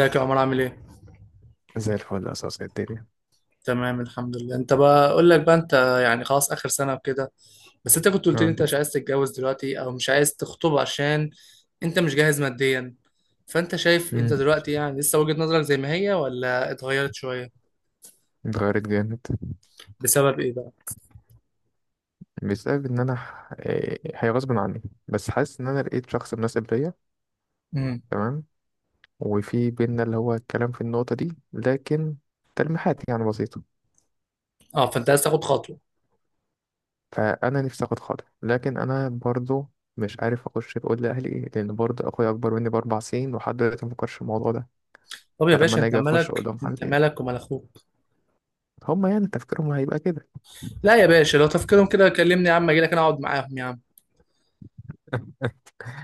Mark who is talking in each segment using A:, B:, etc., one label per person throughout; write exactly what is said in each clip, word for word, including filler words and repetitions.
A: ازيك يا عمر؟ عامل ايه؟
B: زي الفل، أساس الدنيا.
A: تمام الحمد لله. انت بقى، اقول لك بقى، انت يعني خلاص اخر سنه وكده. بس انت كنت قلت لي
B: اه.
A: انت مش عايز تتجوز دلوقتي او مش عايز تخطب عشان انت مش جاهز ماديا. فانت شايف انت
B: مم.
A: دلوقتي يعني لسه وجهة نظرك زي ما هي ولا اتغيرت شويه؟
B: اتغيرت جامد.
A: بسبب ايه بقى؟
B: بسبب إن أنا ح- إيه، هي غصب عني. بس حاسس إن أنا لقيت شخص مناسب ليا.
A: امم
B: تمام. وفي بينا اللي هو الكلام في النقطة دي، لكن تلميحات يعني بسيطة.
A: اه، فانت عايز تاخد خطوه.
B: فأنا نفسي آخد خاطر، لكن أنا برضو مش عارف أخش أقول لأهلي إيه، لأن برضو أخويا أكبر مني بأربع سنين ولحد دلوقتي مفكرش في الموضوع ده.
A: طب يا
B: فلما
A: باشا،
B: أنا
A: انت
B: أجي أخش أقول
A: مالك؟
B: لهم حاجة
A: انت
B: زي دي،
A: مالك ومال اخوك؟
B: هما يعني تفكيرهم هيبقى كده.
A: لا يا باشا، لو تفكيرهم كده كلمني يا عم، اجي لك انا اقعد معاهم يا عم.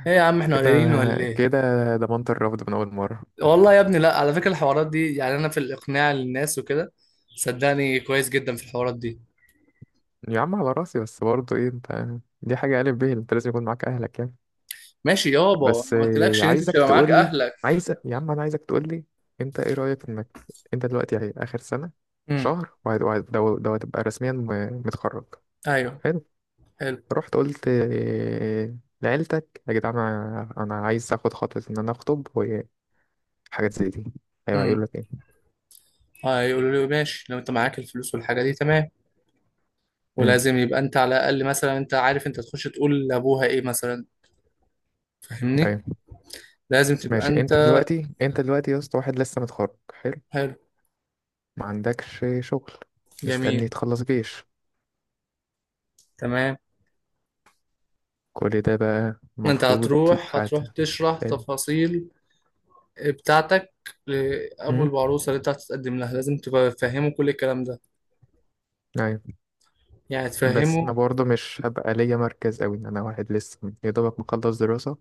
A: ايه يا عم، احنا
B: كده.
A: قليلين ولا ايه؟
B: كده. ضمنت الرفض من أول مرة.
A: والله يا ابني لا، على فكرة الحوارات دي يعني انا في الاقناع للناس وكده، صدقني كويس جدا في الحوارات دي.
B: يا عم على راسي، بس برضه ايه انت دي حاجة قالب بيه، انت لازم يكون معاك اهلك يعني.
A: ماشي يابا،
B: بس
A: ما
B: آه،
A: قلتلكش ان انت مش
B: عايزك
A: هيبقى معاك
B: تقول لي.
A: اهلك.
B: عايز يا عم، انا عايزك تقول لي انت ايه رأيك انك انت دلوقتي يعني اخر سنة،
A: امم.
B: شهر، وهت- وهت- ده ده هتبقى رسميا م- متخرج.
A: ايوه.
B: حلو.
A: حلو.
B: رحت قلت آه، لعيلتك يا جدعان، انا انا عايز اخد خطوة ان انا اخطب وحاجات زي دي. ايوه هيقول
A: امم،
B: لك ايه؟
A: اه، يقولوا له ماشي لو انت معاك الفلوس والحاجة دي تمام.
B: امم.
A: ولازم يبقى انت على الاقل مثلا انت عارف انت تخش تقول لابوها ايه مثلا؟ فاهمني؟
B: ايوه
A: لازم تبقى
B: ماشي.
A: انت.
B: انت دلوقتي انت دلوقتي يا اسطى، واحد لسه متخرج حلو.
A: حلو.
B: ما عندكش شغل.
A: جميل.
B: مستني تخلص جيش.
A: تمام.
B: كل ده بقى
A: انت
B: المفروض.
A: هتروح،
B: فات.
A: هتروح تشرح
B: حلو.
A: تفاصيل بتاعتك لابو
B: أمم،
A: العروسه اللي انت هتتقدم لها. لازم تبقى فاهمه كل الكلام ده.
B: أيوة.
A: يعني
B: بس
A: تفهمه.
B: أنا برضه مش هبقى ليا مركز أوي، أنا واحد لسه يا دوبك مخلص دراسة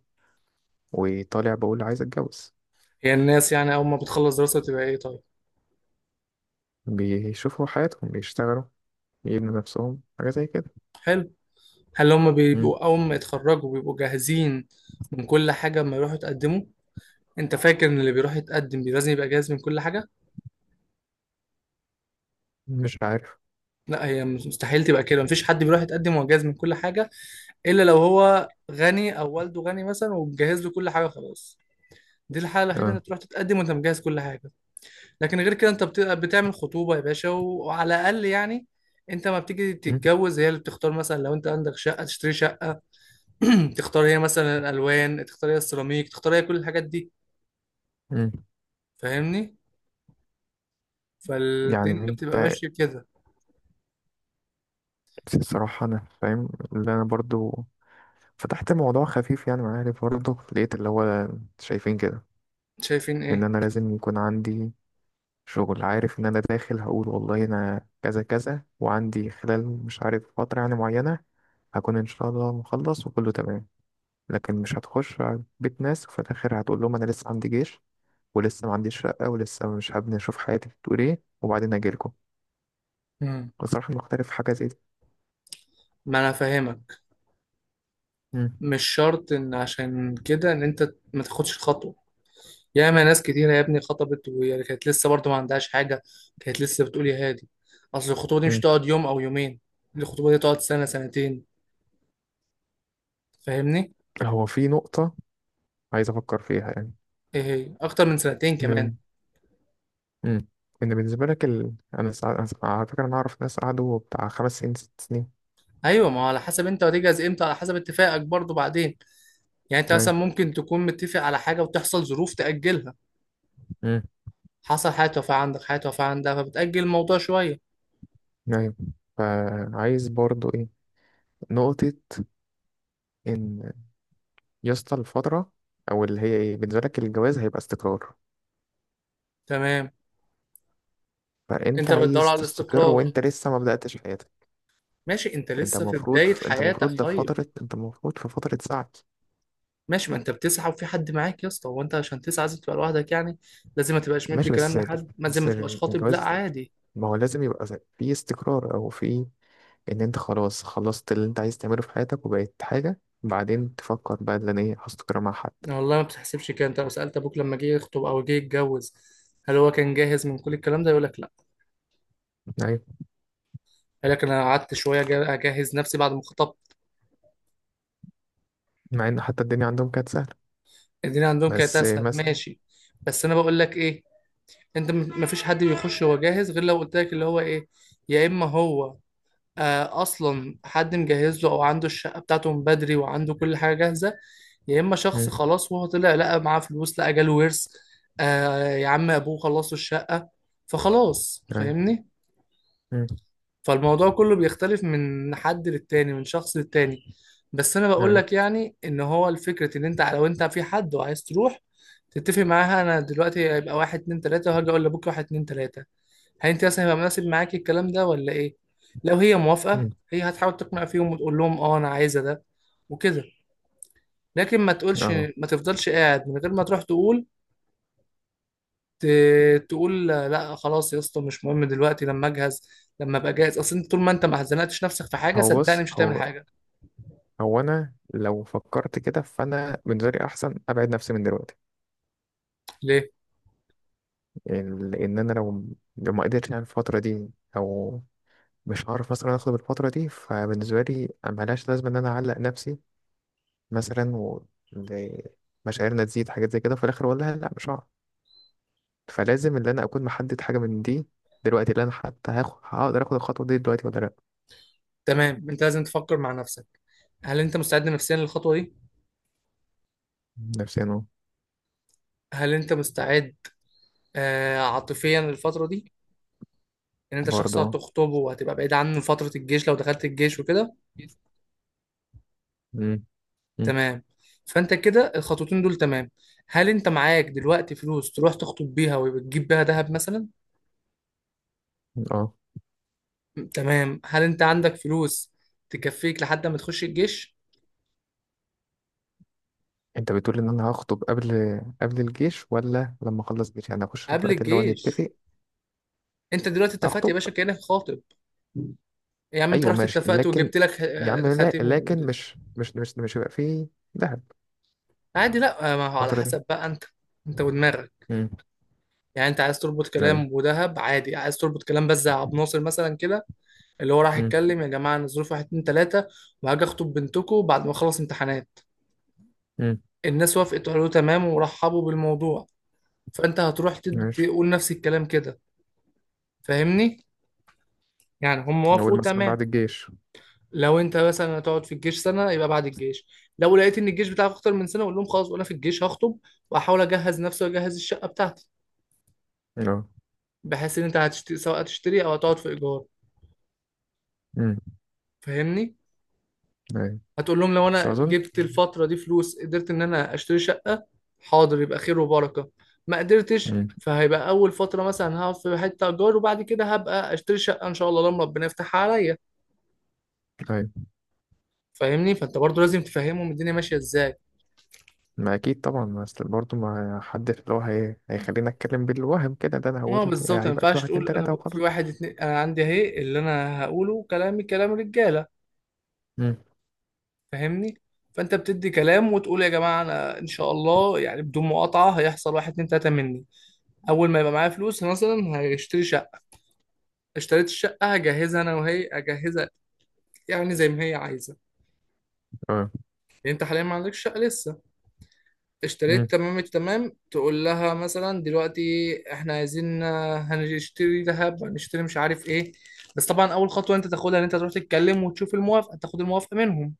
B: وطالع بقول عايز أتجوز.
A: هي الناس يعني أول ما بتخلص دراسة بتبقى إيه طيب؟
B: بيشوفوا حياتهم، بيشتغلوا، يبنوا نفسهم حاجة زي كده.
A: حلو. هل هم
B: أمم،
A: بيبقوا أول ما يتخرجوا بيبقوا جاهزين من كل حاجة أما يروحوا يتقدموا؟ أنت فاكر إن اللي بيروح يتقدم بي- لازم يبقى جاهز من كل حاجة؟
B: مش عارف.
A: لا، هي مستحيل تبقى كده. مفيش حد بيروح يتقدم وهو جاهز من كل حاجة، إلا لو هو غني أو والده غني مثلا ومجهز له كل حاجة خلاص. دي الحالة الوحيدة
B: أه.
A: إنك تروح تتقدم وأنت مجهز كل حاجة. لكن غير كده أنت بت- بتعمل خطوبة يا باشا، وعلى الأقل يعني انت ما بتيجي
B: أمم.
A: تتجوز هي اللي بتختار. مثلا لو انت عندك شقه تشتري شقه، تختار هي مثلا الالوان، تختار هي السيراميك، تختار هي كل الحاجات دي.
B: أمم.
A: فاهمني؟
B: يعني
A: فالدنيا بتبقى
B: أنت
A: ماشيه كده.
B: الصراحة أنا فاهم. اللي أنا برضه فتحت موضوع خفيف يعني معايا، برضه لقيت اللي هو شايفين كده.
A: شايفين
B: ان
A: ايه؟
B: انا لازم يكون عندي شغل، عارف ان انا داخل هقول والله انا كذا كذا وعندي خلال مش عارف فترة يعني معينة هكون ان شاء الله مخلص وكله تمام. لكن مش هتخش على بيت ناس وفي الاخر هتقول لهم انا لسه عندي جيش، ولسه ما عنديش شقة، ولسه مش حابب اشوف حياتي بتقول ايه وبعدين اجيلكم.
A: مم.
B: بصراحة مختلف في حاجة زي دي.
A: ما انا فاهمك.
B: مم.
A: مش شرط ان عشان كده ان انت ما تاخدش الخطوه. ياما ناس كتيره يا ابني خطبت وهي كانت لسه برضه ما عندهاش حاجه، كانت لسه بتقول يا هادي. اصل الخطوبه دي مش
B: مم.
A: تقعد يوم او يومين، الخطوبه دي تقعد سنه سنتين. فاهمني؟
B: هو في نقطة عايز افكر فيها يعني.
A: ايه هي، اكتر من سنتين كمان.
B: مم. مم. ان بالنسبة لك ال... انا سع... على فكرة انا اعرف ناس قعدوا بتاع خمس سنين، ست سنين.
A: ايوه، ما هو على حسب انت هتجهز امتى، على حسب اتفاقك برضه بعدين. يعني انت مثلا
B: ايوه.
A: ممكن تكون متفق على حاجه وتحصل ظروف تاجلها.
B: مم.
A: حصل حاجه توفاه عندك، حاجه توفاه عندها، فبتاجل الموضوع شويه.
B: ايوه. فعايز برضو ايه نقطة، ان يا اسطى الفترة او اللي هي ايه، بالنسبة لك الجواز هيبقى استقرار.
A: تمام.
B: فانت
A: انت بتدور
B: عايز
A: على
B: تستقر
A: الاستقرار.
B: وانت لسه ما بدأتش حياتك.
A: ماشي، انت
B: انت
A: لسه في
B: المفروض
A: بدايه
B: في... انت
A: حياتك
B: المفروض ده في
A: طيب.
B: فترة انت المفروض في فترة سعي.
A: ماشي، ما انت بتسعى وفي حد معاك يا اسطى. هو انت عشان تسعى لازم تبقى لوحدك يعني؟ لازم ما تبقاش مدي
B: ماشي.
A: كلام
B: بس
A: لحد، ما زي
B: بس
A: ما تبقاش خاطب؟ لا
B: الجواز،
A: عادي.
B: ما هو لازم يبقى في استقرار، او في ان انت خلاص خلصت اللي انت عايز تعمله في حياتك وبقيت حاجة، بعدين تفكر بقى ان انا ايه، هستقر مع حد.
A: والله ما بتحسبش كده. انت لو سالت ابوك لما جه يخطب او جه يتجوز، هل هو كان جاهز من كل الكلام ده؟ يقول لك لا.
B: ايوه.
A: قال لك انا قعدت شويه جا- اجهز نفسي بعد ما خطبت.
B: مع ان حتى الدنيا عندهم كانت سهلة.
A: الدنيا عندهم كانت
B: بس
A: اسهل،
B: مثلا.
A: ماشي. بس انا بقول لك ايه، انت م- مفيش حد بيخش هو جاهز، غير لو قلت لك اللي هو ايه، يا اما هو آه اصلا حد مجهز له، او عنده الشقه بتاعته من بدري وعنده كل حاجه جاهزه، يا اما شخص خلاص وهو طلع لقى معاه فلوس، لقى جاله ورث، آه يا عم ابوه خلص له الشقه، فخلاص.
B: أيوة.
A: فاهمني؟
B: مم.
A: فالموضوع كله بيختلف من حد للتاني، من شخص للتاني. بس انا بقول
B: أيوة.
A: لك يعني، ان هو الفكرة ان انت لو انت في حد وعايز تروح تتفق معاها، انا دلوقتي هيبقى واحد اتنين تلاتة وهاجي اقول لبكره واحد اتنين تلاتة. هل انت مثلا هيبقى مناسب معاكي الكلام ده ولا ايه؟ لو هي موافقة
B: مم.
A: هي هتحاول تقنع فيهم وتقول لهم اه انا عايزة ده وكده. لكن ما تقولش،
B: أهو.
A: ما تفضلش قاعد من غير ما تروح تقول. ت- تقول لا خلاص يا اسطى مش مهم دلوقتي، لما اجهز، لما ابقى جاهز. اصل انت طول ما انت ما حزنتش نفسك في حاجه،
B: هو
A: صدقني
B: بص
A: مش هتعمل
B: هو
A: حاجه.
B: هو أنا لو فكرت كده فأنا بالنسبة لي أحسن أبعد نفسي من دلوقتي.
A: ليه؟
B: يعني لأن أنا لو لو ما قدرتش يعني الفترة دي، أو مش هعرف مثلا آخد الفترة دي، فبالنسبة لي ملهاش لازمة إن أنا أعلق نفسي مثلا و ل- مشاعرنا تزيد حاجات زي كده، في الآخر والله لأ مش هعرف. فلازم إن أنا أكون محدد حاجة من دي دلوقتي، اللي أنا حتى هاخد هقدر آخد الخطوة دي دلوقتي ولا لأ.
A: تمام، انت لازم تفكر مع نفسك. هل انت مستعد نفسيا للخطوه دي؟
B: نفسيا أهو.
A: هل انت مستعد آه عاطفيا للفتره دي؟ ان انت شخص
B: برضه أهو.
A: هتخطبه وهتبقى بعيد عنه فتره الجيش لو دخلت الجيش وكده.
B: مم. مم.
A: تمام. فانت كده الخطوتين دول تمام. هل انت معاك دلوقتي فلوس تروح تخطب بيها وتجيب بيها ذهب مثلا؟
B: أه.
A: تمام. هل انت عندك فلوس تكفيك لحد ما تخش الجيش؟
B: انت بتقول ان انا هخطب قبل قبل الجيش ولا لما اخلص جيش؟ يعني اخش
A: قبل
B: دلوقتي اللي هو
A: الجيش.
B: نتفق.
A: انت دلوقتي اتفقت يا
B: اخطب.
A: باشا كأنك خاطب. يا عم انت
B: ايوه
A: رحت
B: ماشي،
A: اتفقت
B: لكن
A: وجبت لك
B: يا عم
A: خ-
B: لا،
A: خاتم و...
B: لكن مش مش مش مش هيبقى فيه دهب
A: عادي. لا، ما هو على
B: الفترة دي.
A: حسب بقى انت، انت ودماغك.
B: امم.
A: يعني انت عايز تربط
B: ايوه.
A: كلام ودهب، عادي. عايز تربط كلام بس، زي عبد الناصر مثلا كده، اللي هو راح
B: امم.
A: يتكلم يا جماعه انا ظروف واحد اتنين تلاته وهاجي اخطب بنتكم بعد ما اخلص امتحانات.
B: امم.
A: الناس وافقت وقالوا تمام ورحبوا بالموضوع. فانت هتروح تد-
B: ماشي،
A: تقول نفس الكلام كده. فاهمني؟ يعني هم وافقوا
B: نقول مثلا
A: تمام.
B: بعد الجيش.
A: لو انت مثلا هتقعد في الجيش سنه يبقى بعد الجيش، لو لقيت ان الجيش بتاعك اكتر من سنه اقول لهم خلاص وانا في الجيش هخطب واحاول اجهز نفسي واجهز الشقه بتاعتي.
B: اه.
A: بحيث ان انت هتشتري، سواء هتشتري او هتقعد في ايجار.
B: امم.
A: فاهمني؟
B: ايوه.
A: هتقول لهم لو
B: بس
A: انا
B: اظن.
A: جبت الفتره دي فلوس قدرت ان انا اشتري شقه، حاضر يبقى خير وبركه. ما قدرتش،
B: امم.
A: فهيبقى اول فتره مثلا هقعد في حته ايجار، وبعد كده هبقى اشتري شقه ان شاء الله لما ربنا يفتحها عليا.
B: ايوه.
A: فاهمني؟ فانت برضو لازم تفهمهم الدنيا ماشيه ازاي.
B: ما اكيد طبعا، ما اصل برضه ما حدش اللي هو هي... هيخليني اتكلم بالوهم كده، ده انا هقول
A: اه بالظبط، ما
B: هيبقى في
A: ينفعش
B: واحد اتنين
A: تقول انا
B: تلاته
A: في
B: وخلاص.
A: واحد اتنين انا عندي اهي اللي انا هقوله كلامي كلام رجاله.
B: امم.
A: فاهمني؟ فانت بتدي كلام وتقول يا جماعه انا ان شاء الله يعني بدون مقاطعه هيحصل واحد اتنين تلاته مني. اول ما يبقى معايا فلوس مثلا هشتري شقه، اشتريت الشقه هجهزها انا وهي اجهزها، يعني زي ما هي عايزه.
B: اه.
A: يعني انت حاليا ما عندكش شقه لسه. اشتريت،
B: امم.
A: تمام التمام. تقول لها مثلا دلوقتي احنا عايزين آه، هنشتري ذهب، هنشتري مش عارف ايه. بس طبعا اول خطوه انت تاخدها ان انت تروح تتكلم وتشوف الموافقه، تاخد الموافقه منهم.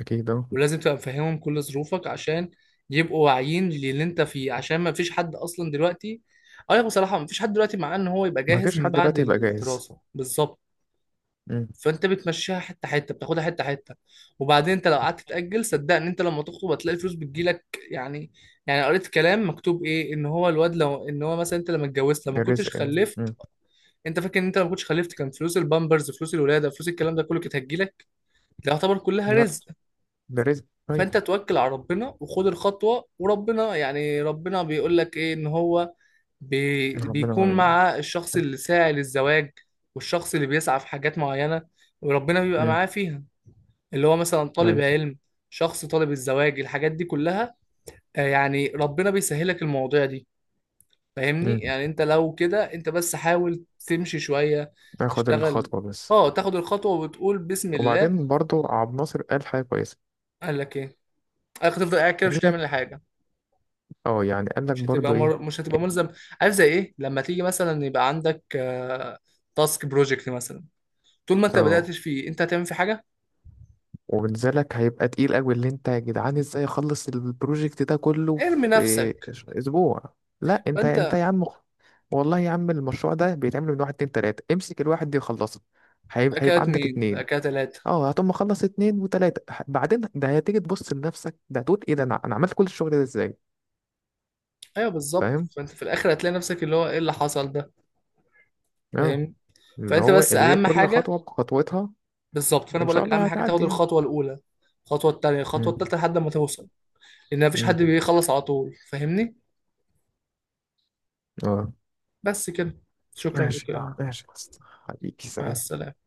B: اكيد اه.
A: ولازم تبقى مفهمهم كل ظروفك عشان يبقوا واعيين للي انت فيه، عشان ما فيش حد اصلا دلوقتي. ايوه بصراحه ما فيش حد دلوقتي مع ان هو يبقى
B: ما
A: جاهز
B: فيش
A: من
B: حد
A: بعد
B: دلوقتي يبقى جاهز.
A: الدراسه بالظبط.
B: مم.
A: فانت بتمشيها حته حته، بتاخدها حته حته. وبعدين انت لو قعدت تاجل، صدقني انت لما تخطب هتلاقي الفلوس بتجيلك يعني. يعني قريت كلام مكتوب ايه، ان هو الواد لو ان هو مثلا، انت لما اتجوزت، لما
B: الرزق
A: كنتش
B: يعني
A: خلفت،
B: مم.
A: انت فاكر ان انت لما كنتش خلفت كان فلوس البامبرز، فلوس الولاده، فلوس الكلام ده كله كانت هتجيلك؟ ده يعتبر كلها
B: لا،
A: رزق.
B: ده رزق طيب.
A: فانت توكل على ربنا وخد الخطوه، وربنا يعني ربنا بيقول لك ايه، ان هو بي
B: ربنا
A: بيكون
B: معانا.
A: مع الشخص اللي ساعي للزواج، والشخص اللي بيسعى في حاجات معينه وربنا بيبقى
B: مم.
A: معاه فيها. اللي هو مثلا طالب
B: طيب.
A: علم، شخص طالب الزواج، الحاجات دي كلها آه، يعني ربنا بيسهلك المواضيع دي. فاهمني؟
B: مم.
A: يعني انت لو كده انت بس حاول تمشي شوية،
B: اخد
A: تشتغل.
B: الخطوة بس.
A: اه، تاخد الخطوة وتقول بسم الله.
B: وبعدين برضو عبد الناصر قال حاجة كويسة.
A: قال لك ايه؟ قال لك تفضل قاعد كده مش
B: قال لك
A: هتعمل حاجة.
B: اه، يعني قال لك
A: مش هتبقى
B: برضو ايه؟
A: مر... مش هتبقى ملزم. عارف زي ايه؟ لما تيجي مثلا يبقى عندك آه، تاسك بروجكت مثلا، طول ما انت
B: اه.
A: بدأتش فيه انت هتعمل في حاجة.
B: وبنزلك هيبقى تقيل قوي، اللي انت يا جدعان ازاي اخلص البروجكت ده كله
A: ارمي
B: في
A: نفسك.
B: ش- اسبوع. لا، انت انت
A: فانت
B: يا عم خ- والله يا عم، المشروع ده بيتعمل من واحد اتنين تلاتة، امسك الواحد دي خلصه. هيبقى
A: بقى كده
B: هيبقى عندك
A: اتنين، بقى
B: اتنين.
A: كده تلاتة.
B: اه، هتقوم مخلص اتنين وتلاتة، ح- بعدين ده هتيجي تبص لنفسك، ده هتقول ايه ده، انا انا عملت كل الشغل ده ازاي.
A: ايوه بالظبط،
B: فاهم.
A: فانت في الاخر هتلاقي نفسك اللي هو ايه اللي حصل ده.
B: اه.
A: فاهم؟
B: اللي
A: فانت
B: هو
A: بس
B: اللي هي
A: اهم
B: كل
A: حاجه،
B: خطوة بخطوتها.
A: بالظبط، فانا
B: وان
A: بقول
B: شاء
A: لك
B: الله
A: اهم حاجه تاخد
B: هتعدي يعني.
A: الخطوه الاولى، الخطوه الثانيه، الخطوه
B: مم.
A: الثالثه لحد ما توصل. لان مفيش
B: مم.
A: حد بيخلص على طول. فاهمني؟
B: اه
A: بس كده. شكرا لك
B: ماشي،
A: يا عم.
B: اه ماشي يا اسطى. حبيبي،
A: مع
B: سلام.
A: السلامه.